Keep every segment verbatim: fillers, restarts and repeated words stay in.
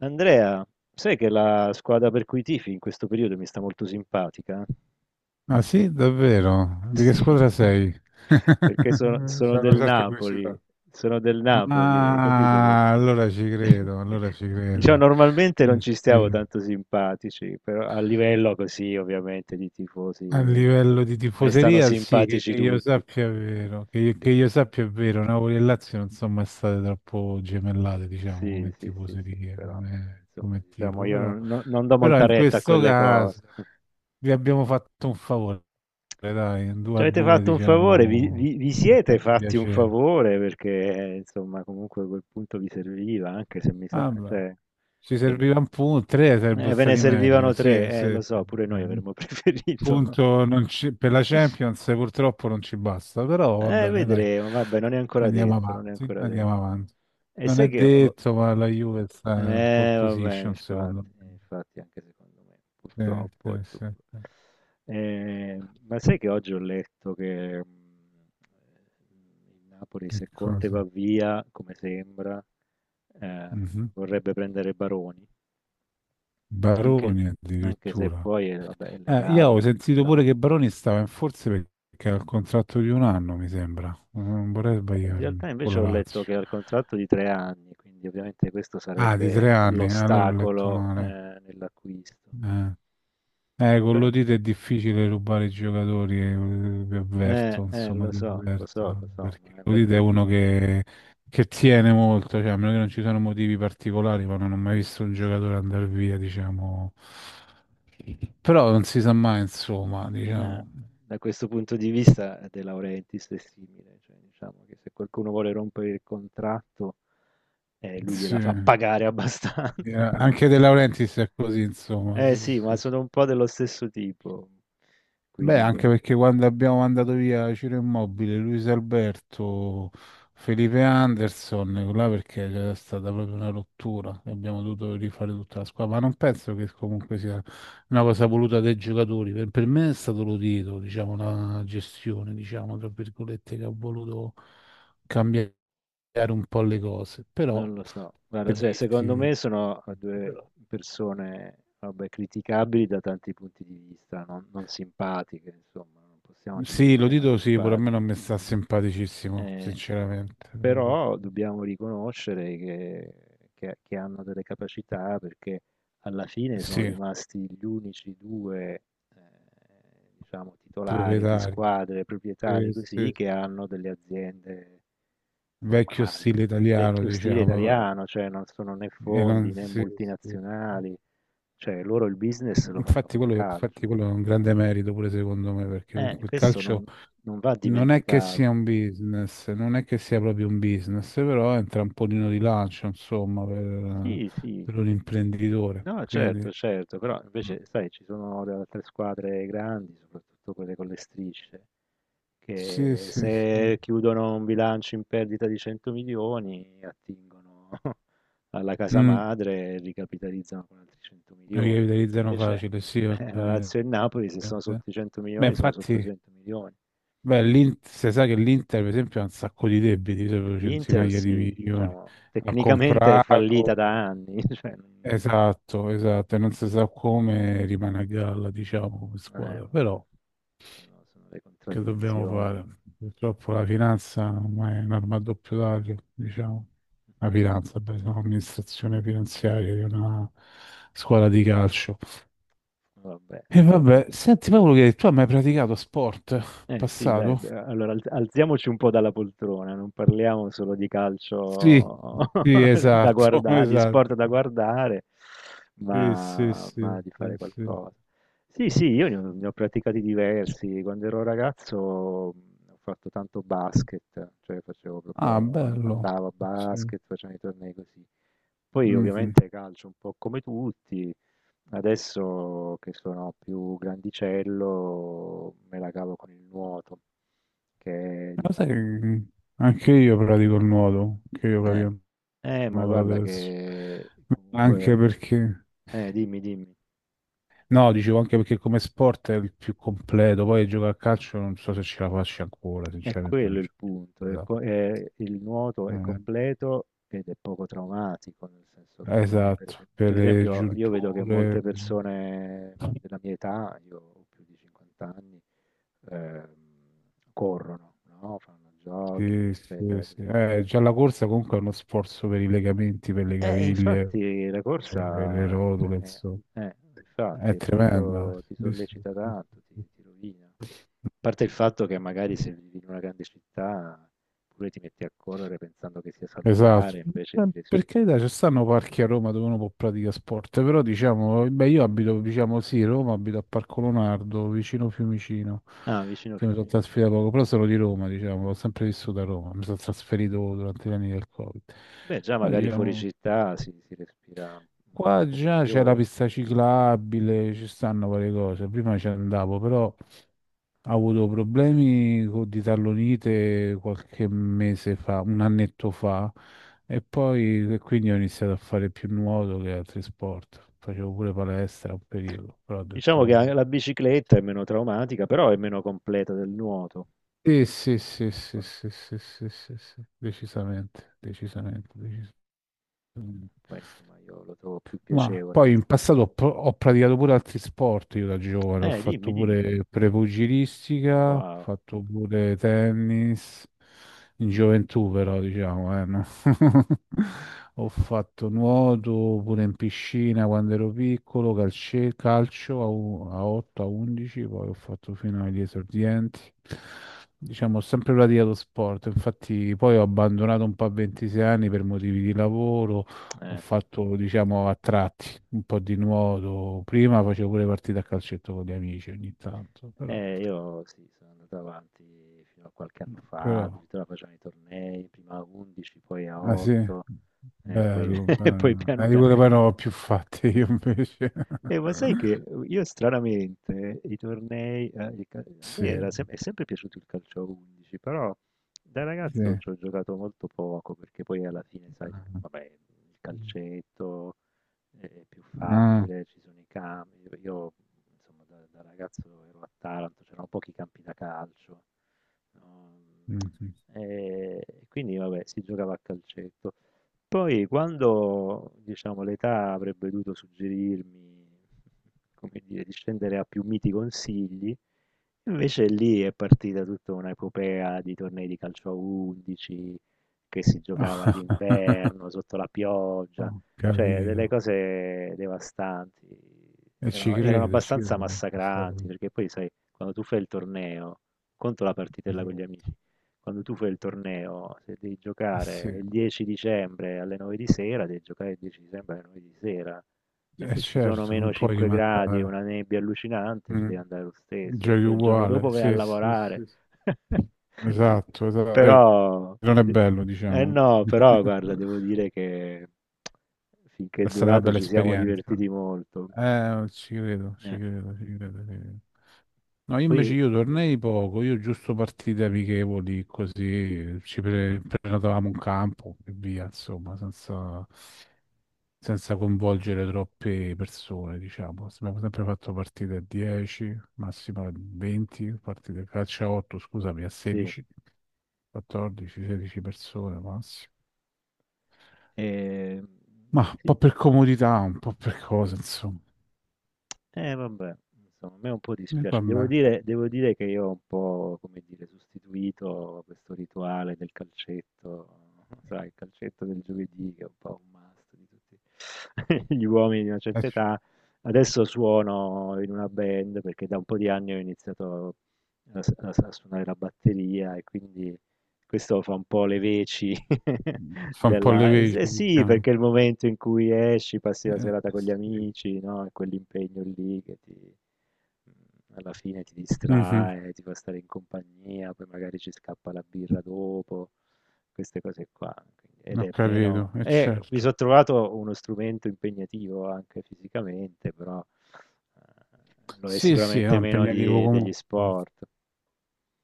Andrea, sai che la squadra per cui tifi in questo periodo mi sta molto simpatica? Ah sì, davvero? Di che Sì, squadra sei? C'è perché sono, sono una del certa Napoli, curiosità. sono del Napoli, hai capito? Per- Ah, allora ci credo, allora ci Diciamo, credo. normalmente non Eh, ci stiamo sì. tanto simpatici, però a livello così, ovviamente, di tifosi, A livello di a me stanno tifoseria, sì, che, simpatici che io tutti. sappia è vero, che io, che io sappia è vero, Napoli e Lazio non sono mai state troppo gemellate, diciamo, Sì, come sì, sì, sì, tifoserie, però vabbè, come, insomma, come diciamo, tifo, io però, no- non do però molta in retta a questo quelle caso cose. vi abbiamo fatto un favore, dai, un due Ci a avete due, fatto un favore, vi, diciamo, vi- vi mi ha siete fatto fatti un piacere. favore perché eh, insomma comunque quel punto vi serviva, anche se mi sa, Vabbè, cioè, ci cioè, serviva un punto, tre sarebbero eh, ve ne stati servivano meglio, tre, sì, eh, sì, lo sì, so, pure sì. noi Un avremmo preferito. punto non ci- per la Champions purtroppo non ci basta, però va Eh, bene, dai, vedremo, vabbè, non è ancora andiamo detto, non è avanti, ancora andiamo detto. avanti. E Non sai è che ho, detto, ma la Juve sta in pole eh vabbè, position, secondo infatti, eh, me. infatti anche secondo me, Sì, sì, purtroppo sì, aggiungo. sì. Ehm, ma sai che oggi ho letto che mh, il Napoli, Che se Conte va cosa? via, come sembra, eh, Mhm. vorrebbe prendere Baroni, anche, Baroni anche se addirittura. poi è, vabbè, è Eh, io legato ho dal sentito contratto. pure che Baroni stava in forze perché ha il contratto di un anno, mi sembra. Non vorrei Eh, In realtà sbagliarmi con invece la ho letto Lazio. che ha il contratto di tre anni, quindi ovviamente questo Ah, di sarebbe tre anni, eh, allora ho letto l'ostacolo eh, male. nell'acquisto. Eh, Eh, con Però, l'Odite è difficile rubare i giocatori, eh, vi eh, avverto, eh, insomma, lo vi so, lo so, avverto, lo so, ma perché l'Odite è infatti uno che, che tiene molto, cioè, a meno che non ci siano motivi particolari, ma non ho mai visto un giocatore andare via, diciamo. Però non si sa mai, insomma, eh, diciamo. da questo punto di vista eh, De Laurentiis è simile, cioè diciamo che se qualcuno vuole rompere il contratto, eh, lui gliela fa Sì. pagare abbastanza. Eh, Anche De Laurentiis è così, insomma. Eh Sì, sì, ma sì, sì. sono un po' dello stesso tipo, quei Beh, due. anche perché quando abbiamo mandato via Ciro Immobile, Luis Alberto, Felipe Anderson, là perché c'era stata proprio una rottura e abbiamo dovuto rifare tutta la squadra. Ma non penso che comunque sia una cosa voluta dai giocatori. Per, per me è stato l'udito, diciamo, una gestione, diciamo, tra virgolette, che ha voluto cambiare un po' le cose. Però, Non lo so, guarda, per cioè, secondo me dirti. sono due persone, vabbè, criticabili da tanti punti di vista, non, non simpatiche, insomma, non possiamo dire Sì, che lo siano dito, sì, pure a me non simpatici. mi sta simpaticissimo, Eh, sinceramente. però dobbiamo riconoscere che, che- che hanno delle capacità perché alla fine sono Sì, rimasti gli unici due, eh, diciamo, titolari di proprietario. squadre, proprietari Sì, così, sì. che hanno delle aziende Vecchio normali stile italiano, vecchio stile diciamo. italiano, cioè non sono né E fondi non- né sì, sì. multinazionali, cioè loro il business lo fanno Infatti col quello, infatti calcio. quello è un grande merito pure secondo me, perché Eh, comunque il questo calcio non, non va non è che dimenticato. sia un business, non è che sia proprio un business, però è un trampolino di lancio, insomma, per, Sì, sì, per un imprenditore. no, Quindi, certo, certo, però mm. invece, sai, ci sono le altre squadre grandi, soprattutto quelle con le strisce, sì, che sì, sì. se chiudono un bilancio in perdita di cento milioni, attingono alla casa Mm. madre e ricapitalizzano con altri cento La milioni. rivitalizzano Invece facile, sì, ho eh, la capito. Lazio e il Napoli, se sono sotto i cento Beh, milioni, sono sotto i infatti, cento milioni. beh, l'In- si sa che l'Inter, per esempio, ha un sacco di debiti, sopra L'Inter, centinaia di sì, milioni. diciamo, Ha tecnicamente è fallita comprato, da anni. Cioè, non- esatto, esatto, e non si sa come rimane a galla, diciamo, come eh, squadra. vabbè, Però, Sono, sono le che dobbiamo contraddizioni. fare? Purtroppo la finanza ormai è un'arma a doppio taglio, diciamo. La finanza, beh, sono l'amministrazione finanziaria di una squadra di calcio. Vabbè, E sì. vabbè, senti Paolo, che tu hai mai praticato sport in Eh sì, dai, passato? beh, allora alz- alziamoci un po' dalla poltrona, non parliamo solo di Sì, calcio sì, da esatto, guardare, di esatto. sport da guardare, Sì, sì, ma, ma sì, di fare sì, sì. qualcosa. Sì, sì, io ne ho, ne ho praticati diversi. Quando ero ragazzo mh, ho fatto tanto basket, cioè facevo Ah, proprio, an- bello. andavo a Sì. basket, facevo i tornei così. Poi Mhm. ovviamente calcio un po' come tutti. Adesso che sono più grandicello me la cavo con il nuoto, che è, Lo sai, diciamo... che anche io pratico il nuoto, anche io Eh, pratico il eh, ma nuoto guarda adesso. che Anche comunque... perché, Eh, dimmi, dimmi. no, dicevo anche perché come sport è il più completo, poi giocare a calcio non so se ce la faccio ancora, È sinceramente quello non il c'è. punto. È co- è- il nuoto è completo ed è poco traumatico, nel senso che non hai, per Esatto, esempio... per Per le esempio, io vedo che giunture, molte persone della mia età, io ho più di cinquanta anni, ehm, corrono, no? Fanno jogging, sì, sì, eccetera, sì. così. Eh, già la corsa comunque è uno sforzo per i legamenti, per le Eh, caviglie, infatti la per le le corsa è rotule, treme insomma, eh, infatti è è tremenda. molto ti Sì, sì, sollecita sì, sì. tanto, ti Sì. ti rovina. A parte il fatto che magari se vivi in una grande città pure ti metti a correre pensando che sia Esatto. salutare, invece Eh, ti Per respiri. carità, ci stanno parchi a Roma dove uno può praticare sport, però diciamo, beh, io abito, diciamo sì, Roma, abito a Parco Leonardo, vicino Fiumicino, Ah, vicino che mi sono Fiumicino. trasferito da poco, però sono di Roma, diciamo, ho sempre vissuto a Roma, mi sono Mhm. trasferito durante gli anni del Covid. Beh, già Ma magari fuori diciamo, città si, si respira un'aria un qua po' già c'è la migliore. pista ciclabile, ci stanno varie cose. Prima ci Mhm. andavo, però ho avuto problemi co- di tallonite qualche mese fa, un annetto fa, e poi e quindi ho iniziato a fare più nuoto che altri sport. Facevo Sì. pure palestra un periodo, però ho detto Diciamo che vabbè. anche la bicicletta è meno traumatica, però è meno completa del nuoto. Sì, sì, sì, sì, sì, sì, sì, sì, sì, decisamente, decisamente, decisamente. Poi insomma io lo trovo più Ma piacevole poi nel... in passato ho, pro- ho praticato pure altri sport io da giovane, ho Eh, dimmi, fatto dimmi. pure prepugilistica, ho Wow. fatto pure tennis, in gioventù però, diciamo, eh, no? Ho fatto nuoto pure in piscina quando ero piccolo, calce- calcio a, u- a otto, a undici, poi ho fatto fino agli esordienti. Diciamo, ho sempre praticato sport, infatti poi ho abbandonato un po' a ventisei anni per motivi di lavoro, ho Eh, sì. fatto, diciamo, a tratti un po' di nuoto. Prima facevo pure partite a calcetto con gli amici ogni tanto, però, Eh, io sì, sono andato avanti fino a qualche anno fa, però... addirittura facevano i tornei, prima a undici, poi a Ah sì, otto, e poi, bello, e poi bello. piano Eh, di piano. quelle poi non ho più fatte io invece. Eh, ma sai che io stranamente i tornei, eh, il cal- a Sì, me era sem- è sempre piaciuto il calcio a undici, però da ragazzo sì. ci ho giocato molto poco perché poi alla fine, sai, vabbè, il calcetto, è è più Ah, facile, ci sono i campi. Io io, insomma da da ragazzo ero a Taranto, c'erano pochi campi da calcio, no, mm, sì. ehm, e quindi vabbè si giocava a calcetto. Poi quando, diciamo, l'età avrebbe dovuto suggerirmi, come dire, di scendere a più miti consigli, invece lì è partita tutta un'epopea di tornei di calcio a undici che si giocava d'inverno sotto la Ho pioggia. Cioè, capito. delle cose devastanti, E ci erano, erano credo, ci abbastanza credo. È massacranti, stato... perché poi, sai, quando tu fai il torneo, conto la partitella con gli amici, quando tu fai il torneo, se devi Eh giocare sì, il dieci dicembre alle nove di sera, devi giocare il dieci dicembre alle nove di sera, e è se ci sono certo, non meno puoi cinque gradi e una rimandare. nebbia allucinante, ci Mm, devi andare lo stesso, e Giochi poi il giorno uguale, dopo vai a sì, sì, lavorare. sì. Sì. Esatto, esatto. Eh, Però, Non è bello, eh diciamo. no, però guarda, devo dire che finché è È stata una durato bella ci siamo esperienza. divertiti molto. Eh, ci credo, ci Eh, credo, ci credo, ci credo. No, io invece Poi io tornei poco, io giusto partite amichevoli, così ci pre- prenotavamo un campo e via, insomma, senza, senza coinvolgere troppe persone, diciamo. Abbiamo sempre fatto partite a dieci, massimo a venti, partite a calcio a otto, scusami, a sì, sedici, quattordici, sedici persone massimo. eh, Ma un po' sì, per comodità, un po' per cosa, insomma. eh vabbè, insomma, a me un po' E dispiace. vabbè, Devo dire, devo dire che io ho un po', come dire, sostituito questo rituale del calcetto, sai, il calcetto del giovedì che è un po' un must di tutti gli uomini di una eh, certa cioè, età. Adesso suono in una band perché da un po' di anni ho iniziato a, a- a suonare la batteria e quindi questo fa un po' le veci fa un po' le della... Eh s- veci, eh sì, diciamo. perché è il momento in cui esci, passi la Eh, serata con gli sì. amici, no? È quell'impegno lì che ti... mm, alla fine ti Mhm, distrae, ti fa stare in compagnia, poi magari ci scappa la birra dopo, queste cose qua. Quindi- ed ho è capito, meno... è eh, mi certo. sono trovato uno strumento impegnativo anche fisicamente, però eh, lo è Sì, sì, sicuramente no, meno impegnativo di- degli comunque. sport.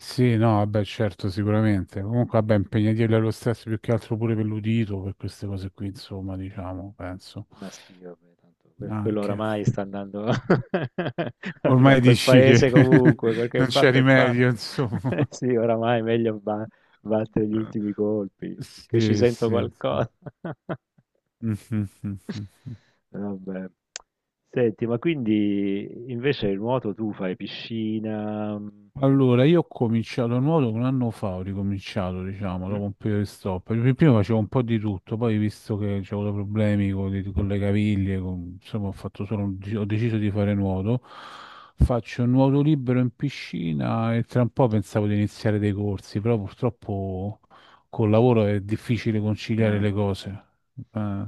Sì, no, vabbè, certo, sicuramente. Comunque, vabbè, impegnativo dello stesso, più che altro pure per l'udito, per queste cose qui, insomma, diciamo, penso. Ma sì, vabbè, tanto que- quello Anche. oramai sta andando a Ormai quel dici che paese comunque, quel che è non c'è fatto è fatto. rimedio, insomma. Sì, oramai è meglio ba- battere gli ultimi colpi, finché ci Sì, sento sì. Sì. qualcosa. Mhm, mhm, mhm. Vabbè. Senti, ma quindi invece il nuoto tu fai piscina? Mm, Allora, io ho cominciato a nuoto un anno fa, ho ricominciato, diciamo, mhm, dopo un periodo di stop. Pr- Prima facevo un po' di tutto, poi visto che avevo avuto problemi con, con le caviglie, con- insomma, ho fatto solo un gi- ho deciso di fare nuoto. Faccio un nuoto libero in piscina e tra un po' pensavo di iniziare dei corsi, però purtroppo col lavoro è difficile conciliare eh, le cose, eh,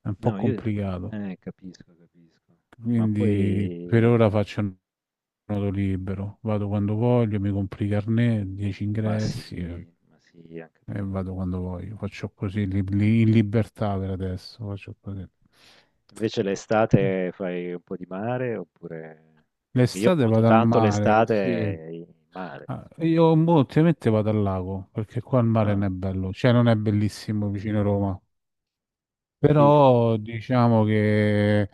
è un po' no, io complicato. eh, capisco, capisco. Ma Quindi per poi... ora faccio un nodo libero, mm, vado mm. quando voglio, mi compri i carnet, dieci Ma ingressi eh, sì, ma sì, anche e, perché vabbè. vado quando voglio. Faccio così li- li- in libertà per adesso, faccio così. Mm. Invece l'estate fai un po' di mare oppure... Perché io L'estate nuoto vado al tanto mare, sì. l'estate in mare, Ah, insomma. io mo, ultimamente vado al lago, perché qua il mare Ah, non è bello, cioè non mm. è bellissimo vicino a Roma. Sì, sì. Però diciamo che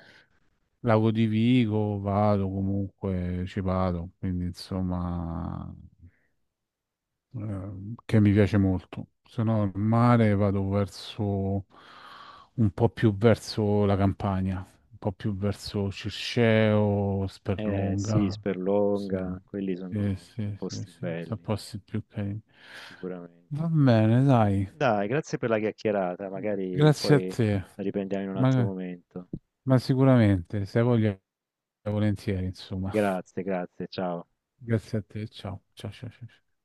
Lago di Vigo vado comunque, ci vado, quindi insomma, eh, che mi piace molto. Se no, al mare vado verso un po' più verso la Campania, un po' più verso Circeo, Eh, sì, Sperlonga. Sì, Sperlonga, quelli sì, sono sì, sì, posti sì, sono belli, posti più carini. sicuramente. Va bene, dai, Dai, grazie per la chiacchierata, magari grazie a poi te, la riprendiamo in un altro ma, momento. ma sicuramente, se hai voglia, volentieri, insomma. Grazie, grazie, ciao. Grazie a te, ciao, ciao, ciao, ciao. Ciao.